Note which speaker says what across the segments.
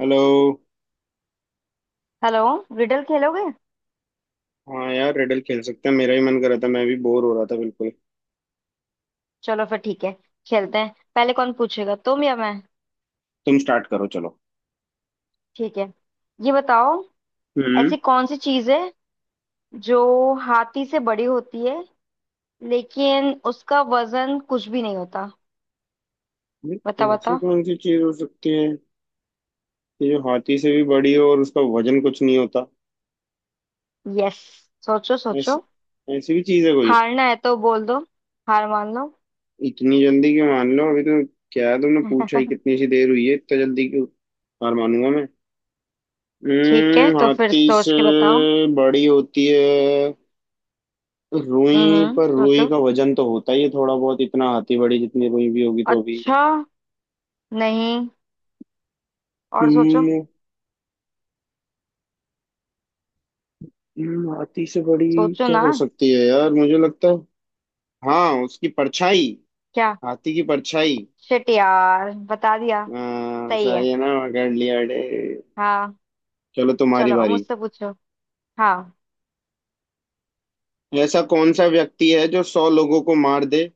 Speaker 1: Hello.
Speaker 2: Hello. Riddle खेलोगे?
Speaker 1: हाँ यार रेडल खेल सकते हैं, मेरा ही मन कर रहा था, मैं भी बोर हो रहा था बिल्कुल।
Speaker 2: चलो फिर ठीक है। खेलते हैं। पहले कौन पूछेगा, तुम या मैं?
Speaker 1: तुम स्टार्ट करो चलो।
Speaker 2: ठीक है, ये बताओ।
Speaker 1: हम्म।
Speaker 2: ऐसी कौन सी चीज है जो हाथी से बड़ी होती है लेकिन उसका वजन कुछ भी नहीं होता?
Speaker 1: ये
Speaker 2: बताओ
Speaker 1: ऐसी
Speaker 2: बताओ।
Speaker 1: कौन सी चीज हो सकती है कि जो हाथी से भी बड़ी हो और उसका वजन कुछ नहीं होता।
Speaker 2: यस। सोचो
Speaker 1: ऐसी
Speaker 2: सोचो।
Speaker 1: ऐसी भी चीज है कोई।
Speaker 2: हारना है तो बोल दो, हार मान लो।
Speaker 1: इतनी जल्दी क्यों मान लो, अभी तो क्या तुमने पूछा ही, कितनी सी देर हुई है, इतना जल्दी क्यों हार मानूंगा मैं।
Speaker 2: ठीक है,
Speaker 1: हम्म,
Speaker 2: तो फिर
Speaker 1: हाथी
Speaker 2: सोच
Speaker 1: से
Speaker 2: के बताओ।
Speaker 1: बड़ी होती है रुई, पर रुई
Speaker 2: सोचो।
Speaker 1: का वजन तो होता ही है थोड़ा बहुत। इतना हाथी बड़ी जितनी रुई भी होगी तो भी।
Speaker 2: अच्छा। नहीं। और सोचो।
Speaker 1: हम्म। हाथी से बड़ी
Speaker 2: सोचो
Speaker 1: क्या
Speaker 2: ना।
Speaker 1: हो सकती है यार, मुझे लगता है हाँ उसकी परछाई।
Speaker 2: क्या?
Speaker 1: हाथी की परछाई।
Speaker 2: शिट यार, बता दिया।
Speaker 1: हाँ,
Speaker 2: सही है।
Speaker 1: सही है ना, पकड़ लिया अरे।
Speaker 2: हाँ।
Speaker 1: चलो तुम्हारी
Speaker 2: चलो अब
Speaker 1: बारी।
Speaker 2: मुझसे पूछो। हाँ,
Speaker 1: ऐसा कौन सा व्यक्ति है जो सौ लोगों को मार दे,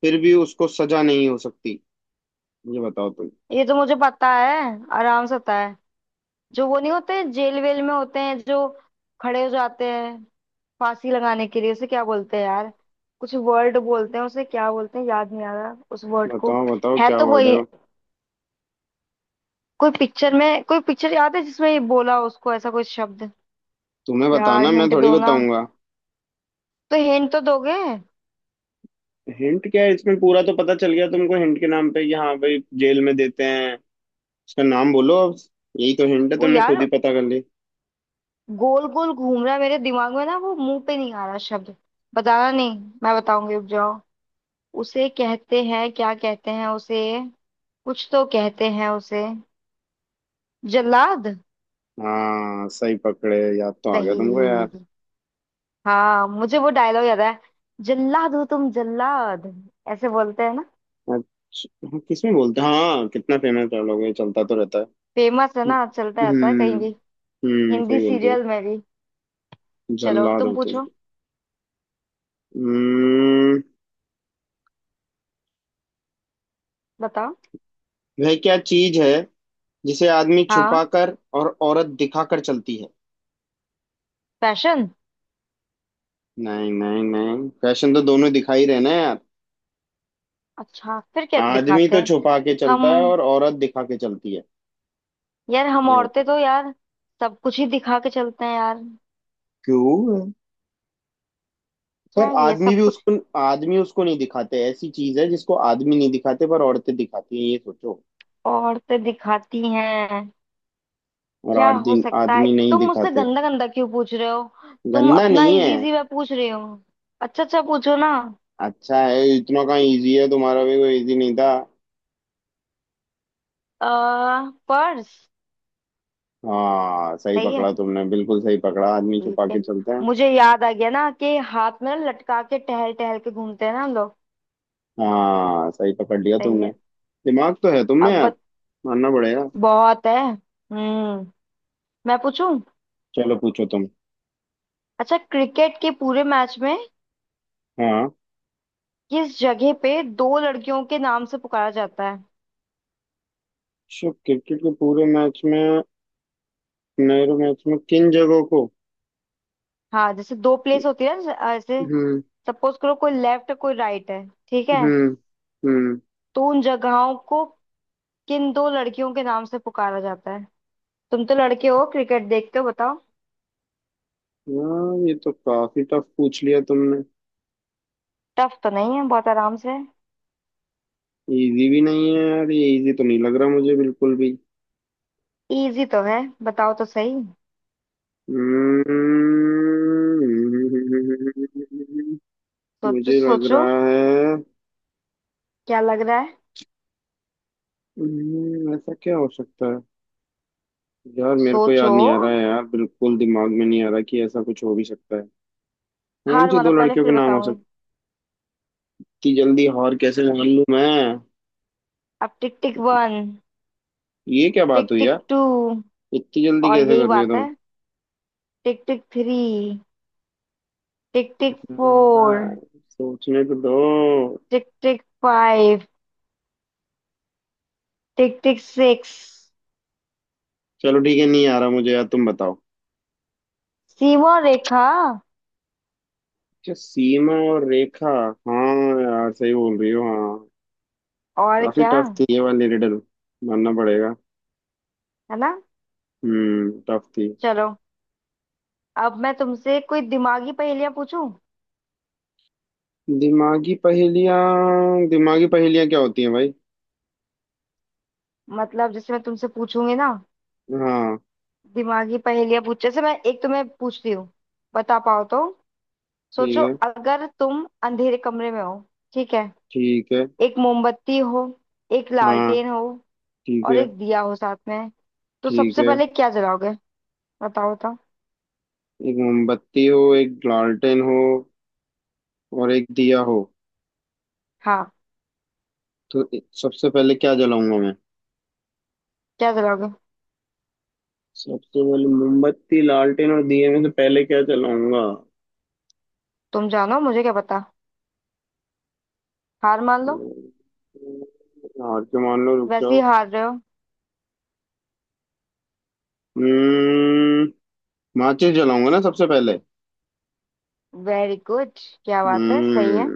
Speaker 1: फिर भी उसको सजा नहीं हो सकती। ये बताओ तुम।
Speaker 2: ये तो मुझे पता है, आराम से पता है। जो वो नहीं होते, जेल वेल में होते हैं जो खड़े हो जाते हैं फांसी लगाने के लिए, उसे क्या बोलते हैं यार? कुछ वर्ड बोलते हैं उसे, क्या बोलते हैं, याद नहीं आ रहा उस वर्ड को।
Speaker 1: बताओ बताओ
Speaker 2: है
Speaker 1: क्या
Speaker 2: तो
Speaker 1: वर्ड है
Speaker 2: वही।
Speaker 1: वो।
Speaker 2: कोई पिक्चर में, कोई पिक्चर याद है जिसमें ये बोला उसको, ऐसा कोई शब्द।
Speaker 1: तुम्हें
Speaker 2: यार
Speaker 1: बताना, मैं
Speaker 2: हिंट
Speaker 1: थोड़ी
Speaker 2: दो ना।
Speaker 1: बताऊंगा।
Speaker 2: तो हिंट तो दोगे।
Speaker 1: हिंट क्या है इसमें, पूरा तो पता चल गया तुमको हिंट के नाम पे, कि हाँ भाई जेल में देते हैं। उसका नाम बोलो अब। यही तो हिंट है,
Speaker 2: वो
Speaker 1: तुमने खुद
Speaker 2: यार
Speaker 1: ही पता कर ली।
Speaker 2: गोल गोल घूम रहा है मेरे दिमाग में ना, वो मुंह पे नहीं आ रहा शब्द। बताना नहीं, मैं बताऊंगी, रुक जाओ। उसे कहते हैं, क्या कहते हैं उसे, कुछ तो कहते हैं उसे। जल्लाद।
Speaker 1: हाँ सही पकड़े, याद तो आ गया तुमको यार।
Speaker 2: सही। हाँ, मुझे वो डायलॉग याद है। जल्लाद हो तुम, जल्लाद। ऐसे बोलते हैं ना।
Speaker 1: अच्छा, हाँ, किसमें बोलते हैं, हाँ कितना फेमस डायलॉग है, चलता तो रहता है।
Speaker 2: फेमस है ना, चलता रहता है कहीं
Speaker 1: हम्म।
Speaker 2: भी।
Speaker 1: हम्म,
Speaker 2: हिंदी
Speaker 1: सही बोल रहे हो।
Speaker 2: सीरियल में भी। चलो
Speaker 1: जल्लाद
Speaker 2: तुम
Speaker 1: हो तुम।
Speaker 2: पूछो।
Speaker 1: हम्म।
Speaker 2: बताओ।
Speaker 1: वह क्या चीज है जिसे आदमी छुपा
Speaker 2: हाँ।
Speaker 1: कर और औरत दिखा कर चलती है।
Speaker 2: फैशन।
Speaker 1: नहीं नहीं नहीं, फैशन तो दोनों दिखा ही रहे ना यार।
Speaker 2: अच्छा, फिर क्या
Speaker 1: आदमी
Speaker 2: दिखाते
Speaker 1: तो
Speaker 2: हैं?
Speaker 1: छुपा के चलता है
Speaker 2: हम।
Speaker 1: और औरत दिखा के चलती है।
Speaker 2: यार हम
Speaker 1: ये
Speaker 2: औरतें
Speaker 1: बताओ।
Speaker 2: तो यार सब कुछ ही दिखा के चलते हैं यार।
Speaker 1: क्यों,
Speaker 2: क्या,
Speaker 1: पर
Speaker 2: ये
Speaker 1: आदमी भी
Speaker 2: सब कुछ?
Speaker 1: उसको, आदमी उसको नहीं दिखाते, ऐसी चीज है जिसको आदमी नहीं दिखाते पर औरतें दिखाती हैं, ये सोचो।
Speaker 2: औरतें दिखाती हैं।
Speaker 1: और
Speaker 2: क्या हो
Speaker 1: आदमी
Speaker 2: सकता है?
Speaker 1: आदमी नहीं
Speaker 2: तुम मुझसे
Speaker 1: दिखाते।
Speaker 2: गंदा गंदा क्यों पूछ रहे हो? तुम
Speaker 1: गंदा
Speaker 2: अपना
Speaker 1: नहीं है।
Speaker 2: इजी इजी मैं पूछ रही हूँ। अच्छा अच्छा, पूछो ना।
Speaker 1: अच्छा है, इतना कहाँ इजी है, तुम्हारा भी कोई इजी नहीं था।
Speaker 2: आ, पर्स।
Speaker 1: हाँ सही
Speaker 2: सही है।
Speaker 1: पकड़ा तुमने, बिल्कुल सही पकड़ा, आदमी
Speaker 2: ठीक
Speaker 1: छुपा
Speaker 2: है,
Speaker 1: के चलते हैं।
Speaker 2: मुझे याद आ गया ना कि हाथ में ना लटका के टहल टहल के घूमते हैं ना हम लोग।
Speaker 1: हाँ सही पकड़ लिया
Speaker 2: सही
Speaker 1: तुमने।
Speaker 2: है।
Speaker 1: दिमाग तो है तुम में
Speaker 2: अब
Speaker 1: यार,
Speaker 2: बत,
Speaker 1: मानना पड़ेगा।
Speaker 2: बहुत है। हम्म मैं पूछूं।
Speaker 1: चलो पूछो तुम।
Speaker 2: अच्छा, क्रिकेट के पूरे मैच में
Speaker 1: हाँ।
Speaker 2: किस जगह पे दो लड़कियों के नाम से पुकारा जाता है?
Speaker 1: शो क्रिकेट के पूरे मैच में, नेहरू मैच में किन जगहों को।
Speaker 2: हाँ जैसे दो प्लेस होती है ना, जैसे
Speaker 1: हम्म।
Speaker 2: सपोज करो, कोई लेफ्ट कोई राइट है, ठीक है,
Speaker 1: हम्म। हम्म।
Speaker 2: तो उन जगहों को किन दो लड़कियों के नाम से पुकारा जाता है? तुम तो लड़के हो, क्रिकेट देखते हो, बताओ।
Speaker 1: हाँ ये तो काफी टफ पूछ लिया तुमने।
Speaker 2: टफ तो नहीं है, बहुत आराम से।
Speaker 1: इजी भी नहीं है यार ये, इजी तो नहीं लग रहा मुझे बिल्कुल भी।
Speaker 2: इजी तो है, बताओ तो सही।
Speaker 1: हम्म,
Speaker 2: सोचो
Speaker 1: मुझे लग
Speaker 2: सोचो।
Speaker 1: रहा है।
Speaker 2: क्या लग रहा है?
Speaker 1: ऐसा क्या हो सकता है यार, मेरे को याद
Speaker 2: सोचो।
Speaker 1: नहीं आ रहा है यार, बिल्कुल दिमाग में नहीं आ रहा कि ऐसा कुछ हो भी सकता है। कौन
Speaker 2: हार
Speaker 1: सी
Speaker 2: मानो
Speaker 1: दो
Speaker 2: पहले,
Speaker 1: लड़कियों के
Speaker 2: फिर
Speaker 1: नाम हो
Speaker 2: बताऊंगी।
Speaker 1: सकते। इतनी जल्दी हार कैसे मान लूं मैं।
Speaker 2: अब टिक टिक वन,
Speaker 1: ये क्या बात
Speaker 2: टिक
Speaker 1: हुई
Speaker 2: टिक
Speaker 1: यार।
Speaker 2: टू,
Speaker 1: इतनी जल्दी
Speaker 2: और
Speaker 1: कैसे
Speaker 2: यही
Speaker 1: कर रही हो
Speaker 2: बात
Speaker 1: तुम।
Speaker 2: है, tick tick three, tick tick four,
Speaker 1: हाँ, सोचने तो दो।
Speaker 2: Tick tick five, tick tick six.
Speaker 1: चलो ठीक है, नहीं आ रहा मुझे यार, तुम बताओ।
Speaker 2: सीमा रेखा।
Speaker 1: अच्छा, सीमा और रेखा। हाँ, यार सही बोल रही हो हाँ।
Speaker 2: और
Speaker 1: काफी
Speaker 2: क्या,
Speaker 1: टफ थी ये वाली रिडल, मानना पड़ेगा।
Speaker 2: है ना।
Speaker 1: टफ थी।
Speaker 2: चलो, अब मैं तुमसे कोई दिमागी पहेलियां पूछूं।
Speaker 1: दिमागी पहेलियाँ, दिमागी पहेलियाँ क्या होती हैं भाई।
Speaker 2: मतलब जैसे मैं तुमसे पूछूंगी ना
Speaker 1: हाँ
Speaker 2: दिमागी पहेलियां, पूछ जैसे, मैं एक तुम्हें पूछती हूँ, बता पाओ तो।
Speaker 1: ठीक
Speaker 2: सोचो,
Speaker 1: है
Speaker 2: अगर तुम अंधेरे कमरे में हो, ठीक है,
Speaker 1: ठीक है।
Speaker 2: एक मोमबत्ती हो, एक
Speaker 1: हाँ
Speaker 2: लालटेन हो,
Speaker 1: ठीक
Speaker 2: और
Speaker 1: है
Speaker 2: एक दिया हो साथ में, तो
Speaker 1: ठीक
Speaker 2: सबसे
Speaker 1: है।
Speaker 2: पहले क्या जलाओगे? बताओ बताओ।
Speaker 1: एक मोमबत्ती हो, एक लालटेन हो, और एक दिया हो।
Speaker 2: हाँ,
Speaker 1: तो सबसे पहले क्या जलाऊंगा मैं।
Speaker 2: क्या जलाओगे?
Speaker 1: सबसे पहले मोमबत्ती, लालटेन और दिए में से पहले क्या जलाऊंगा।
Speaker 2: तुम जानो, मुझे क्या पता। हार मान लो,
Speaker 1: हार के मान लो, रुक
Speaker 2: वैसे ही
Speaker 1: जाओ।
Speaker 2: हार रहे हो।
Speaker 1: हम्म। माचिस जलाऊंगा ना सबसे पहले।
Speaker 2: Very good. क्या बात है, सही है।
Speaker 1: हम्म।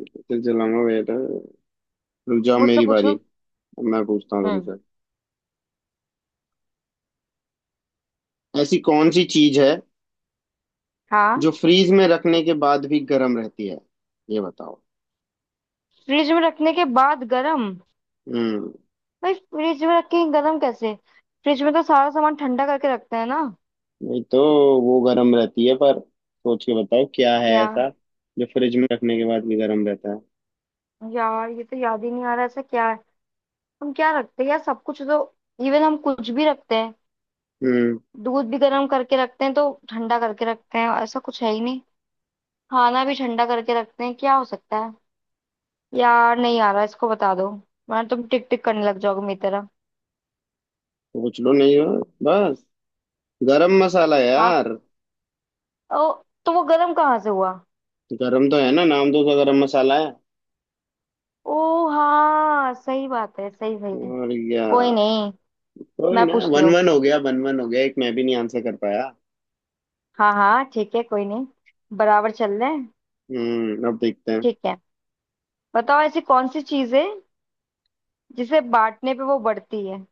Speaker 1: माचिस जलाऊंगा बेटा। रुक जाओ
Speaker 2: मुझसे
Speaker 1: मेरी बारी।
Speaker 2: पूछो।
Speaker 1: अब मैं पूछता हूँ
Speaker 2: हम्म
Speaker 1: तुमसे। ऐसी कौन सी चीज है
Speaker 2: हाँ।
Speaker 1: जो फ्रीज में रखने के बाद भी गर्म रहती है, ये बताओ।
Speaker 2: फ्रिज में रखने के बाद गरम?
Speaker 1: हम्म।
Speaker 2: भाई फ्रिज में रख के गरम कैसे? फ्रिज में तो सारा सामान ठंडा करके रखते हैं ना।
Speaker 1: नहीं तो, वो गर्म रहती है, पर सोच के बताओ क्या है
Speaker 2: क्या?
Speaker 1: ऐसा जो फ्रिज में रखने के बाद भी गर्म रहता है।
Speaker 2: यार ये तो याद ही नहीं आ रहा, ऐसा क्या है? हम क्या रखते हैं यार, सब कुछ तो। इवन हम कुछ भी रखते हैं।
Speaker 1: हम्म,
Speaker 2: दूध भी गर्म करके रखते हैं तो ठंडा करके रखते हैं, ऐसा कुछ है ही नहीं। खाना भी ठंडा करके रखते हैं। क्या हो सकता है? यार नहीं आ रहा, इसको बता दो, वरना तुम टिक टिक करने लग जाओगे मेरी तरह।
Speaker 1: सोच लो नहीं हो, बस। गरम मसाला
Speaker 2: हाथ।
Speaker 1: यार।
Speaker 2: ओ। तो वो गर्म कहाँ से हुआ?
Speaker 1: गरम तो है ना, नाम तो उसका गरम मसाला है।
Speaker 2: ओ हाँ, सही बात है, सही सही।
Speaker 1: और या
Speaker 2: कोई नहीं,
Speaker 1: कोई
Speaker 2: मैं
Speaker 1: ना,
Speaker 2: पूछती
Speaker 1: वन
Speaker 2: हूँ।
Speaker 1: वन हो गया, वन वन हो गया, एक मैं भी नहीं आंसर कर पाया।
Speaker 2: हाँ हाँ ठीक है, कोई नहीं, बराबर चल रहे हैं।
Speaker 1: अब देखते हैं।
Speaker 2: ठीक है, बताओ। ऐसी कौन सी चीज है जिसे बांटने पे वो बढ़ती है?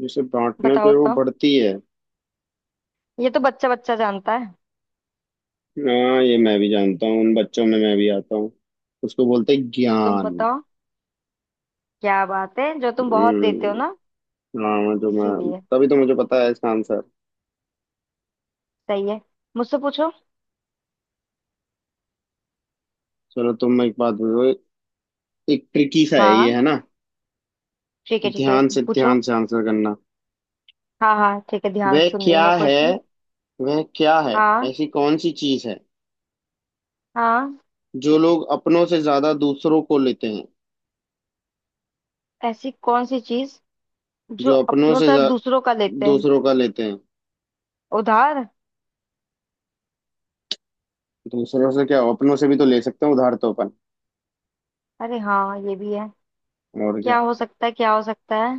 Speaker 1: जिसे बांटने
Speaker 2: बताओ
Speaker 1: पे वो
Speaker 2: तो,
Speaker 1: बढ़ती है।
Speaker 2: ये तो बच्चा बच्चा जानता है।
Speaker 1: हाँ ये मैं भी जानता हूँ, उन बच्चों में मैं भी आता हूँ। उसको बोलते हैं
Speaker 2: तुम
Speaker 1: ज्ञान।
Speaker 2: बताओ। क्या बात है, जो तुम बहुत देते हो ना।
Speaker 1: हम्म। हाँ, जो मैं
Speaker 2: इसीलिए।
Speaker 1: तभी तो मुझे पता है इसका आंसर।
Speaker 2: सही है। मुझसे पूछो।
Speaker 1: चलो तुम एक बात बोलो, एक ट्रिकी सा है ये,
Speaker 2: हाँ,
Speaker 1: है ना।
Speaker 2: ठीक है ठीक है।
Speaker 1: ध्यान से
Speaker 2: पूछो।
Speaker 1: ध्यान से आंसर करना।
Speaker 2: हाँ हाँ ठीक है, ध्यान
Speaker 1: वह
Speaker 2: सुन रही
Speaker 1: क्या
Speaker 2: हूँ मैं
Speaker 1: है
Speaker 2: क्वेश्चन।
Speaker 1: वह क्या है
Speaker 2: हाँ।
Speaker 1: ऐसी कौन सी चीज है
Speaker 2: हाँ।
Speaker 1: जो लोग अपनों से ज्यादा दूसरों को लेते हैं।
Speaker 2: ऐसी कौन सी चीज जो
Speaker 1: जो अपनों
Speaker 2: अपनों
Speaker 1: से
Speaker 2: से दूसरों का लेते हैं?
Speaker 1: दूसरों का लेते हैं।
Speaker 2: उधार।
Speaker 1: दूसरों से क्या, अपनों से भी तो ले सकते हैं उधार तो अपन।
Speaker 2: अरे हाँ, ये भी है।
Speaker 1: और क्या।
Speaker 2: क्या हो सकता है, क्या हो सकता है?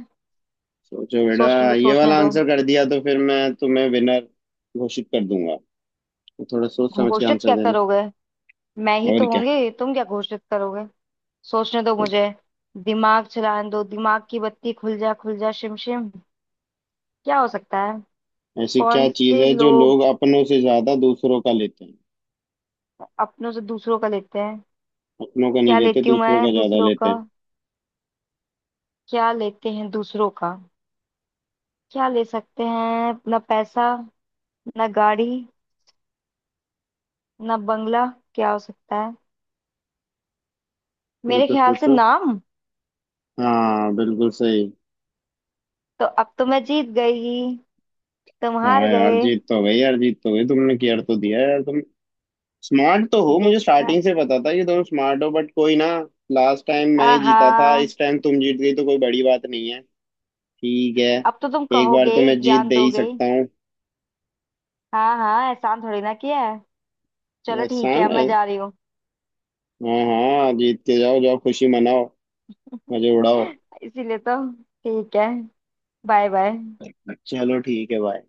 Speaker 1: सोचो बेटा।
Speaker 2: सोचने दो
Speaker 1: ये
Speaker 2: सोचने
Speaker 1: वाला
Speaker 2: दो।
Speaker 1: आंसर कर दिया तो फिर मैं तुम्हें विनर घोषित कर दूंगा, तो थोड़ा सोच समझ के
Speaker 2: घोषित
Speaker 1: आंसर
Speaker 2: क्या
Speaker 1: देना।
Speaker 2: करोगे? मैं ही
Speaker 1: और
Speaker 2: तो
Speaker 1: क्या।
Speaker 2: होंगी, तुम क्या घोषित करोगे? सोचने दो मुझे, दिमाग चलाने दो, दिमाग की बत्ती खुल जा शिम शिम। क्या हो सकता है?
Speaker 1: ऐसी
Speaker 2: कौन
Speaker 1: क्या चीज
Speaker 2: से
Speaker 1: है जो
Speaker 2: लोग
Speaker 1: लोग अपनों से ज्यादा दूसरों का लेते हैं।
Speaker 2: अपनों से दूसरों का लेते हैं?
Speaker 1: अपनों का नहीं
Speaker 2: क्या
Speaker 1: लेते,
Speaker 2: लेती हूँ
Speaker 1: दूसरों का
Speaker 2: मैं
Speaker 1: ज्यादा
Speaker 2: दूसरों
Speaker 1: लेते
Speaker 2: का?
Speaker 1: हैं।
Speaker 2: क्या लेते हैं दूसरों का? क्या ले सकते हैं, ना पैसा, ना गाड़ी, ना बंगला, क्या हो सकता है? मेरे
Speaker 1: सोचो
Speaker 2: ख्याल से
Speaker 1: सोचो।
Speaker 2: नाम।
Speaker 1: हाँ बिल्कुल सही।
Speaker 2: तो अब तो मैं जीत गई, तुम हार
Speaker 1: हाँ यार
Speaker 2: गए।
Speaker 1: जीत तो गई यार, जीत तो गई, तुमने किया तो दिया यार तुमने। स्मार्ट तो हो, मुझे स्टार्टिंग
Speaker 2: देखा।
Speaker 1: से पता था कि दोनों स्मार्ट हो, बट कोई ना। लास्ट टाइम मैं ही जीता था, इस
Speaker 2: आहा।
Speaker 1: टाइम तुम जीत गई तो कोई बड़ी बात नहीं है। ठीक है।
Speaker 2: अब तो तुम
Speaker 1: एक बार
Speaker 2: कहोगे
Speaker 1: तो
Speaker 2: ही,
Speaker 1: मैं जीत
Speaker 2: ज्ञान
Speaker 1: दे ही
Speaker 2: दोगे ही।
Speaker 1: सकता हूँ।
Speaker 2: हाँ हाँ, एहसान थोड़ी ना किया है। चलो ठीक है,
Speaker 1: एहसान
Speaker 2: अब मैं
Speaker 1: एह-
Speaker 2: जा रही हूँ।
Speaker 1: हाँ हाँ जीत के जाओ, जाओ खुशी मनाओ, मजे उड़ाओ।
Speaker 2: इसीलिए तो, ठीक है, बाय बाय।
Speaker 1: चलो ठीक है भाई।